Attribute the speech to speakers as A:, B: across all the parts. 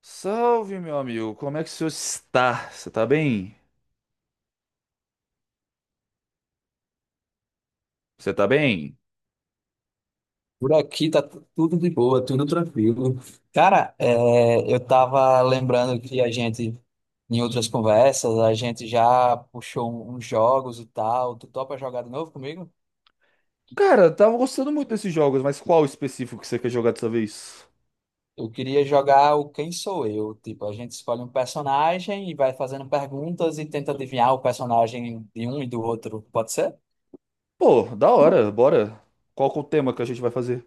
A: Salve, meu amigo. Como é que o senhor está? Você tá bem? Você tá bem?
B: Por aqui tá tudo de boa, tudo tranquilo. Cara, eu tava lembrando que a gente, em outras conversas, a gente já puxou uns jogos e tal. Tu topa jogar de novo comigo?
A: Cara, eu tava gostando muito desses jogos, mas qual específico que você quer jogar dessa vez?
B: Eu queria jogar o Quem Sou Eu. Tipo, a gente escolhe um personagem e vai fazendo perguntas e tenta adivinhar o personagem de um e do outro. Pode ser?
A: Pô, da hora, bora. Qual que é o tema que a gente vai fazer?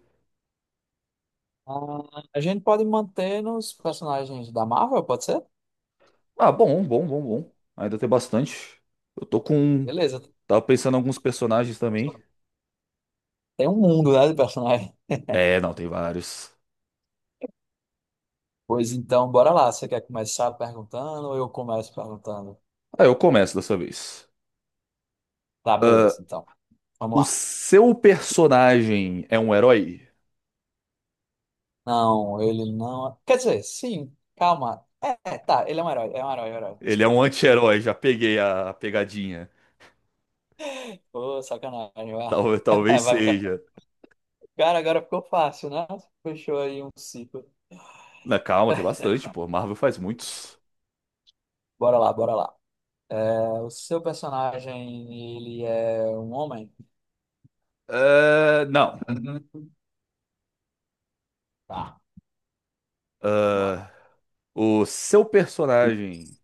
B: Ah, a gente pode manter nos personagens da Marvel, pode ser?
A: Ah, bom, bom, bom, bom. Ainda tem bastante. Eu tô com.
B: Beleza.
A: Tava pensando em alguns personagens também.
B: Tem um mundo, né, de personagens.
A: É, não, tem vários.
B: Pois então, bora lá. Você quer começar perguntando ou eu começo perguntando?
A: Ah, eu começo dessa vez.
B: Tá,
A: Ah,
B: beleza, então. Vamos
A: o
B: lá.
A: seu personagem é um herói?
B: Não, ele não. Quer dizer, sim, calma. Tá, ele é um herói, é um herói, é um herói.
A: Ele é um
B: Desculpa, perdão.
A: anti-herói, já peguei a pegadinha.
B: Ô, sacanagem, ó.
A: Talvez
B: Vai
A: seja.
B: ficar. Cara, agora ficou fácil, né? Fechou aí um ciclo.
A: Na calma, tem bastante, pô. Marvel faz muitos.
B: Bora lá, bora lá. O seu personagem, ele é um homem?
A: Ah, não.
B: Uhum. Tá, vamos lá.
A: Ah, o seu personagem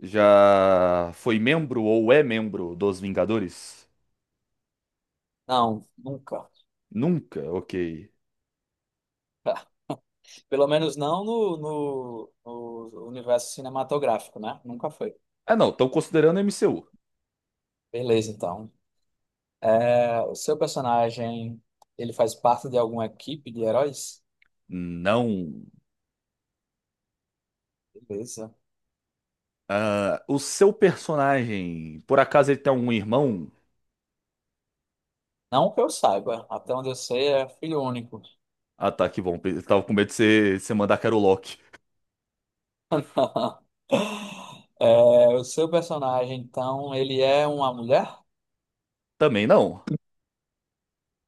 A: já foi membro ou é membro dos Vingadores?
B: Não, nunca.
A: Nunca, ok.
B: Pelo menos no universo cinematográfico, né? Nunca foi.
A: Ah, não, estão considerando MCU.
B: Beleza, então. O seu personagem, ele faz parte de alguma equipe de heróis?
A: Não.
B: Beleza.
A: Ah, o seu personagem, por acaso ele tem um irmão?
B: Não que eu saiba. Até onde eu sei, é filho único.
A: Ah, tá, que bom. Eu tava com medo de você mandar que era o Loki.
B: O seu personagem, então, ele é uma mulher?
A: Também não.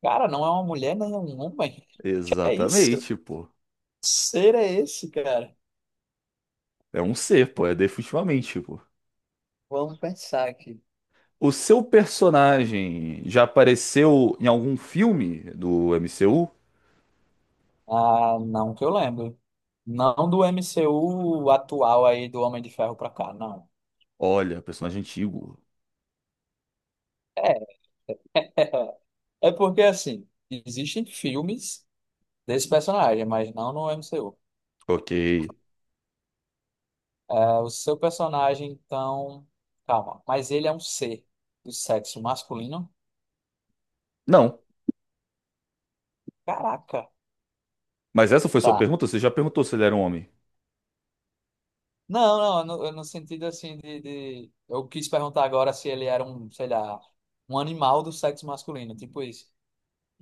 B: Cara, não é uma mulher, nem é um homem. É isso?
A: Exatamente, pô.
B: Que ser é esse, cara?
A: É um ser, pô. É definitivamente, pô.
B: Vamos pensar aqui.
A: O seu personagem já apareceu em algum filme do MCU?
B: Ah, não que eu lembro. Não do MCU atual aí do Homem de Ferro pra cá, não.
A: Olha, personagem antigo.
B: É porque, assim, existem filmes desse personagem, mas não no MCU.
A: Ok.
B: O seu personagem, então. Calma, mas ele é um ser do sexo masculino?
A: Não.
B: Caraca,
A: Mas essa foi sua
B: tá.
A: pergunta? Você já perguntou se ele era um homem?
B: Não, no sentido assim de. Eu quis perguntar agora se ele era um, sei lá, um animal do sexo masculino, tipo isso.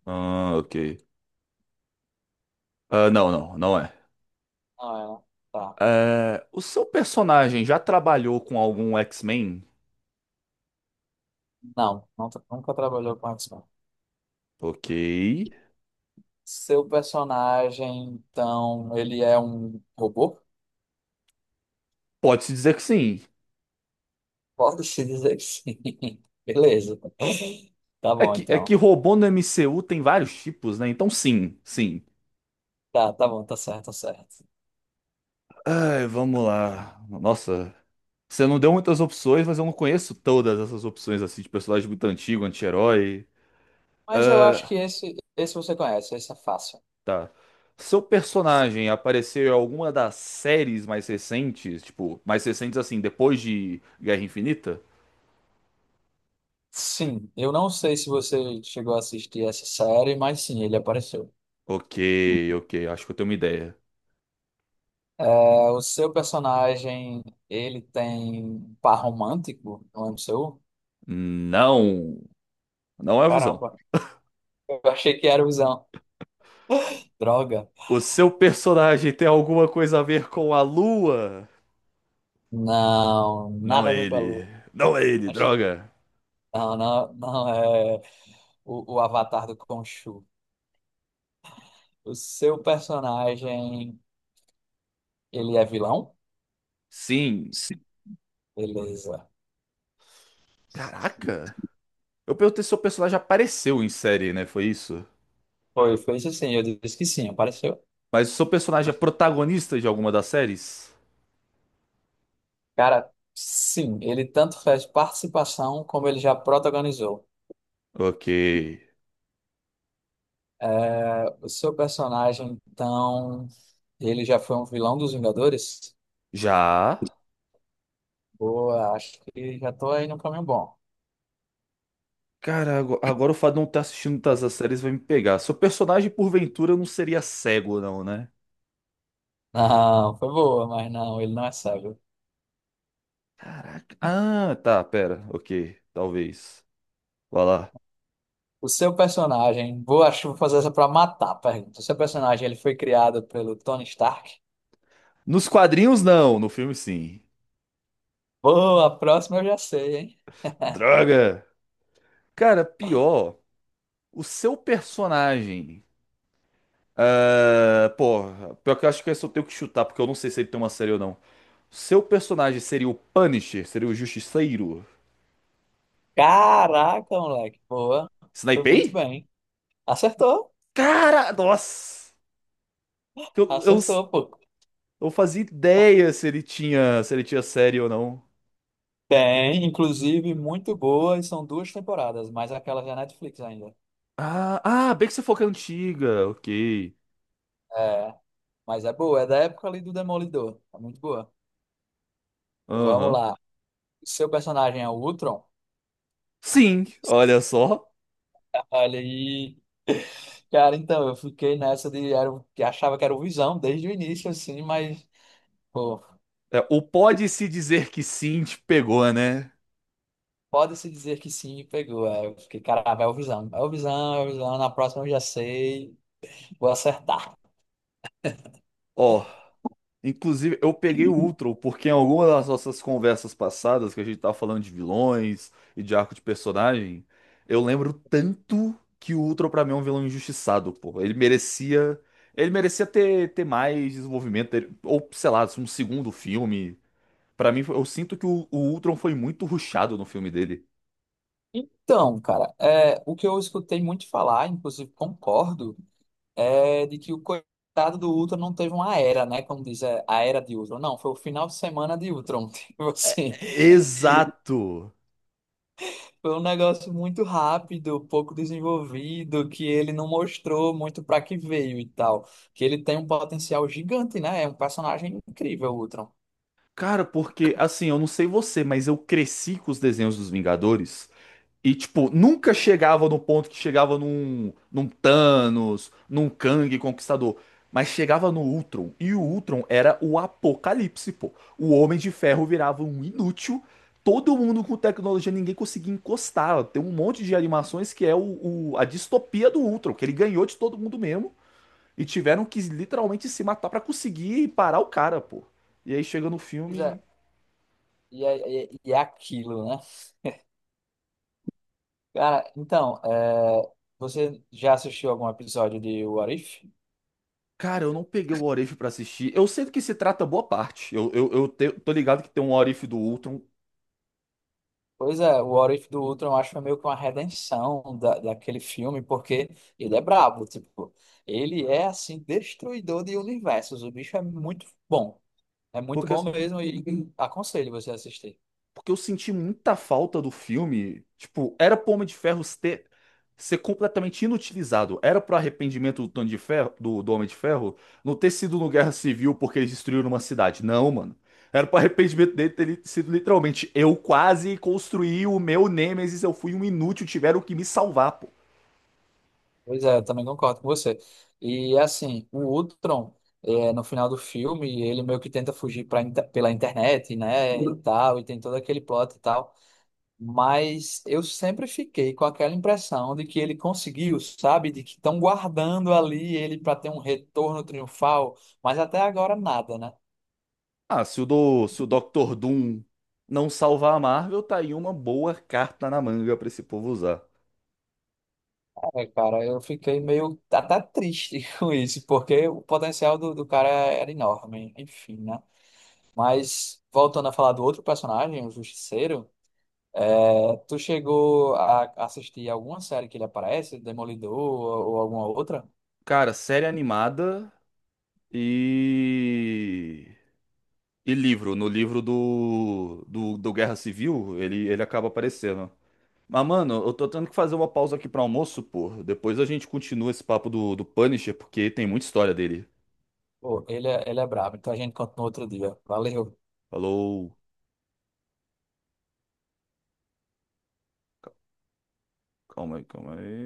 A: Ah, ok. Ah, não, não, não é.
B: Não, é, tá.
A: É, o seu personagem já trabalhou com algum X-Men?
B: Não, nunca trabalhou com x.
A: Ok.
B: Seu personagem, então, ele é um robô?
A: Pode-se dizer que sim.
B: Pode-se dizer que sim. Beleza. Tá
A: É
B: bom,
A: que, é que
B: então.
A: robô no MCU tem vários tipos, né? Então sim, sim.
B: Tá, tá bom, tá certo, tá certo.
A: Ai, vamos lá. Nossa, você não deu muitas opções, mas eu não conheço todas essas opções assim de personagem muito antigo, anti-herói.
B: Mas eu acho que
A: Ah,
B: esse você conhece, esse é fácil.
A: tá. Seu personagem apareceu em alguma das séries mais recentes, tipo, mais recentes assim, depois de Guerra Infinita?
B: Sim, eu não sei se você chegou a assistir essa série, mas sim, ele apareceu.
A: Ok, ok, acho que eu tenho uma ideia.
B: O seu personagem, ele tem par romântico no MCU?
A: Não, não é o Visão.
B: Caramba, eu achei que era o visão. Droga.
A: O seu personagem tem alguma coisa a ver com a Lua?
B: Não,
A: Não
B: nada a
A: é
B: ver com a
A: ele.
B: lua.
A: Não é ele, droga.
B: Não, não, não é o Avatar do Khonshu. O seu personagem, ele é vilão?
A: Sim.
B: Sim. Beleza.
A: Caraca. Eu perguntei se seu personagem apareceu em série, né? Foi isso?
B: Foi isso sim, eu disse que sim, apareceu.
A: Mas o seu personagem é protagonista de alguma das séries?
B: Cara, sim, ele tanto fez participação como ele já protagonizou.
A: Ok.
B: O seu personagem, então, ele já foi um vilão dos Vingadores?
A: Já?
B: Boa, acho que já tô aí no caminho bom.
A: Cara, agora o fato de não estar assistindo todas as séries vai me pegar. Seu personagem, porventura, não seria cego, não, né?
B: Não, foi boa, mas não, ele não é cego.
A: Ah, tá, pera. Ok, talvez. Vai lá.
B: O seu personagem, vou, acho que vou fazer essa pra matar a pergunta. O seu personagem, ele foi criado pelo Tony Stark?
A: Nos quadrinhos, não. No filme, sim.
B: Boa, a próxima eu já sei, hein?
A: Droga! Cara, pior, o seu personagem. Ah, pô, pior que eu acho que esse eu tenho que chutar, porque eu não sei se ele tem uma série ou não. Seu personagem seria o Punisher? Seria o Justiceiro?
B: Caraca, moleque, boa. Foi muito
A: Snipei?
B: bem. Acertou,
A: Cara, nossa! Eu, eu,
B: acertou, pô.
A: eu fazia ideia se ele tinha, se ele tinha série ou não.
B: Tem, inclusive, muito boa, e são duas temporadas, mas aquela já é Netflix ainda.
A: Ah, ah, bem que você falou que é antiga. Ok.
B: É, mas é boa, é da época ali do Demolidor. É muito boa. Vamos
A: Aham.
B: lá. O seu personagem é o Ultron?
A: Sim, olha só.
B: Olha aí. Cara, então, eu fiquei nessa de era, que achava que era o Visão desde o início, assim, mas, pô,
A: É, o pode-se dizer que sim te pegou, né?
B: pode-se dizer que sim, me pegou. Aí eu fiquei, caramba, é o Visão, é o Visão, é o Visão, na próxima eu já sei, vou acertar.
A: Ó. Inclusive, eu peguei o Ultron, porque em alguma das nossas conversas passadas, que a gente tava falando de vilões e de arco de personagem, eu lembro tanto que o Ultron pra mim é um vilão injustiçado, pô. Ele merecia ter, ter mais desenvolvimento, ter- ou sei lá, um segundo filme. Pra mim, eu sinto que o Ultron foi muito rushado no filme dele.
B: Então, cara, é, o que eu escutei muito falar, inclusive concordo, é de que o coitado do Ultron não teve uma era, né? Como diz, é, a era de Ultron. Não, foi o final de semana de Ultron, tipo assim.
A: Exato!
B: Foi um negócio muito rápido, pouco desenvolvido, que ele não mostrou muito para que veio e tal. Que ele tem um potencial gigante, né? É um personagem incrível, o Ultron.
A: Cara, porque assim, eu não sei você, mas eu cresci com os desenhos dos Vingadores. E, tipo, nunca chegava no ponto que chegava num Thanos, num Kang Conquistador. Mas chegava no Ultron. E o Ultron era o apocalipse, pô. O Homem de Ferro virava um inútil. Todo mundo com tecnologia, ninguém conseguia encostar. Tem um monte de animações que é a distopia do Ultron, que ele ganhou de todo mundo mesmo. E tiveram que literalmente se matar pra conseguir parar o cara, pô. E aí chega no
B: Pois
A: filme.
B: é, e é aquilo, né? Cara, então, é, você já assistiu algum episódio de What If?
A: Cara, eu não peguei o What If pra assistir. Eu sei do que se trata boa parte. Tô ligado que tem um What If do Ultron,
B: Pois é, o What If do Ultron eu acho que foi meio que uma redenção daquele filme, porque ele é brabo, tipo, ele é assim, destruidor de universos, o bicho é muito bom. É muito
A: porque,
B: bom mesmo e aconselho você a assistir.
A: porque eu senti muita falta do filme. Tipo, era pro Homem de Ferro ter, ser completamente inutilizado. Era pro arrependimento do Tony de Ferro, do Homem de Ferro não ter sido no Guerra Civil porque eles destruíram uma cidade. Não, mano. Era pro arrependimento dele ter sido literalmente eu quase construí o meu Nemesis, eu fui um inútil, tiveram que me salvar.
B: Pois é, eu também concordo com você. E assim, o Ultron, é, no final do filme, ele meio que tenta fugir pela internet, né, e tal, e tem todo aquele plot e tal. Mas eu sempre fiquei com aquela impressão de que ele conseguiu, sabe? De que estão guardando ali ele para ter um retorno triunfal, mas até agora nada, né?
A: Ah, se o Doctor Doom não salvar a Marvel, tá aí uma boa carta na manga pra esse povo usar.
B: É, cara, eu fiquei meio até triste com isso, porque o potencial do cara era enorme, enfim, né? Mas voltando a falar do outro personagem, o Justiceiro, é, tu chegou a assistir alguma série que ele aparece, Demolidor ou alguma outra?
A: Cara, série animada e. E livro. No livro do Guerra Civil, ele acaba aparecendo. Mas, mano, eu tô tendo que fazer uma pausa aqui pra almoço, pô. Depois a gente continua esse papo do Punisher, porque tem muita história dele.
B: Pô, ele é brabo, então a gente conta no outro dia. Valeu.
A: Falou. Calma aí, calma aí.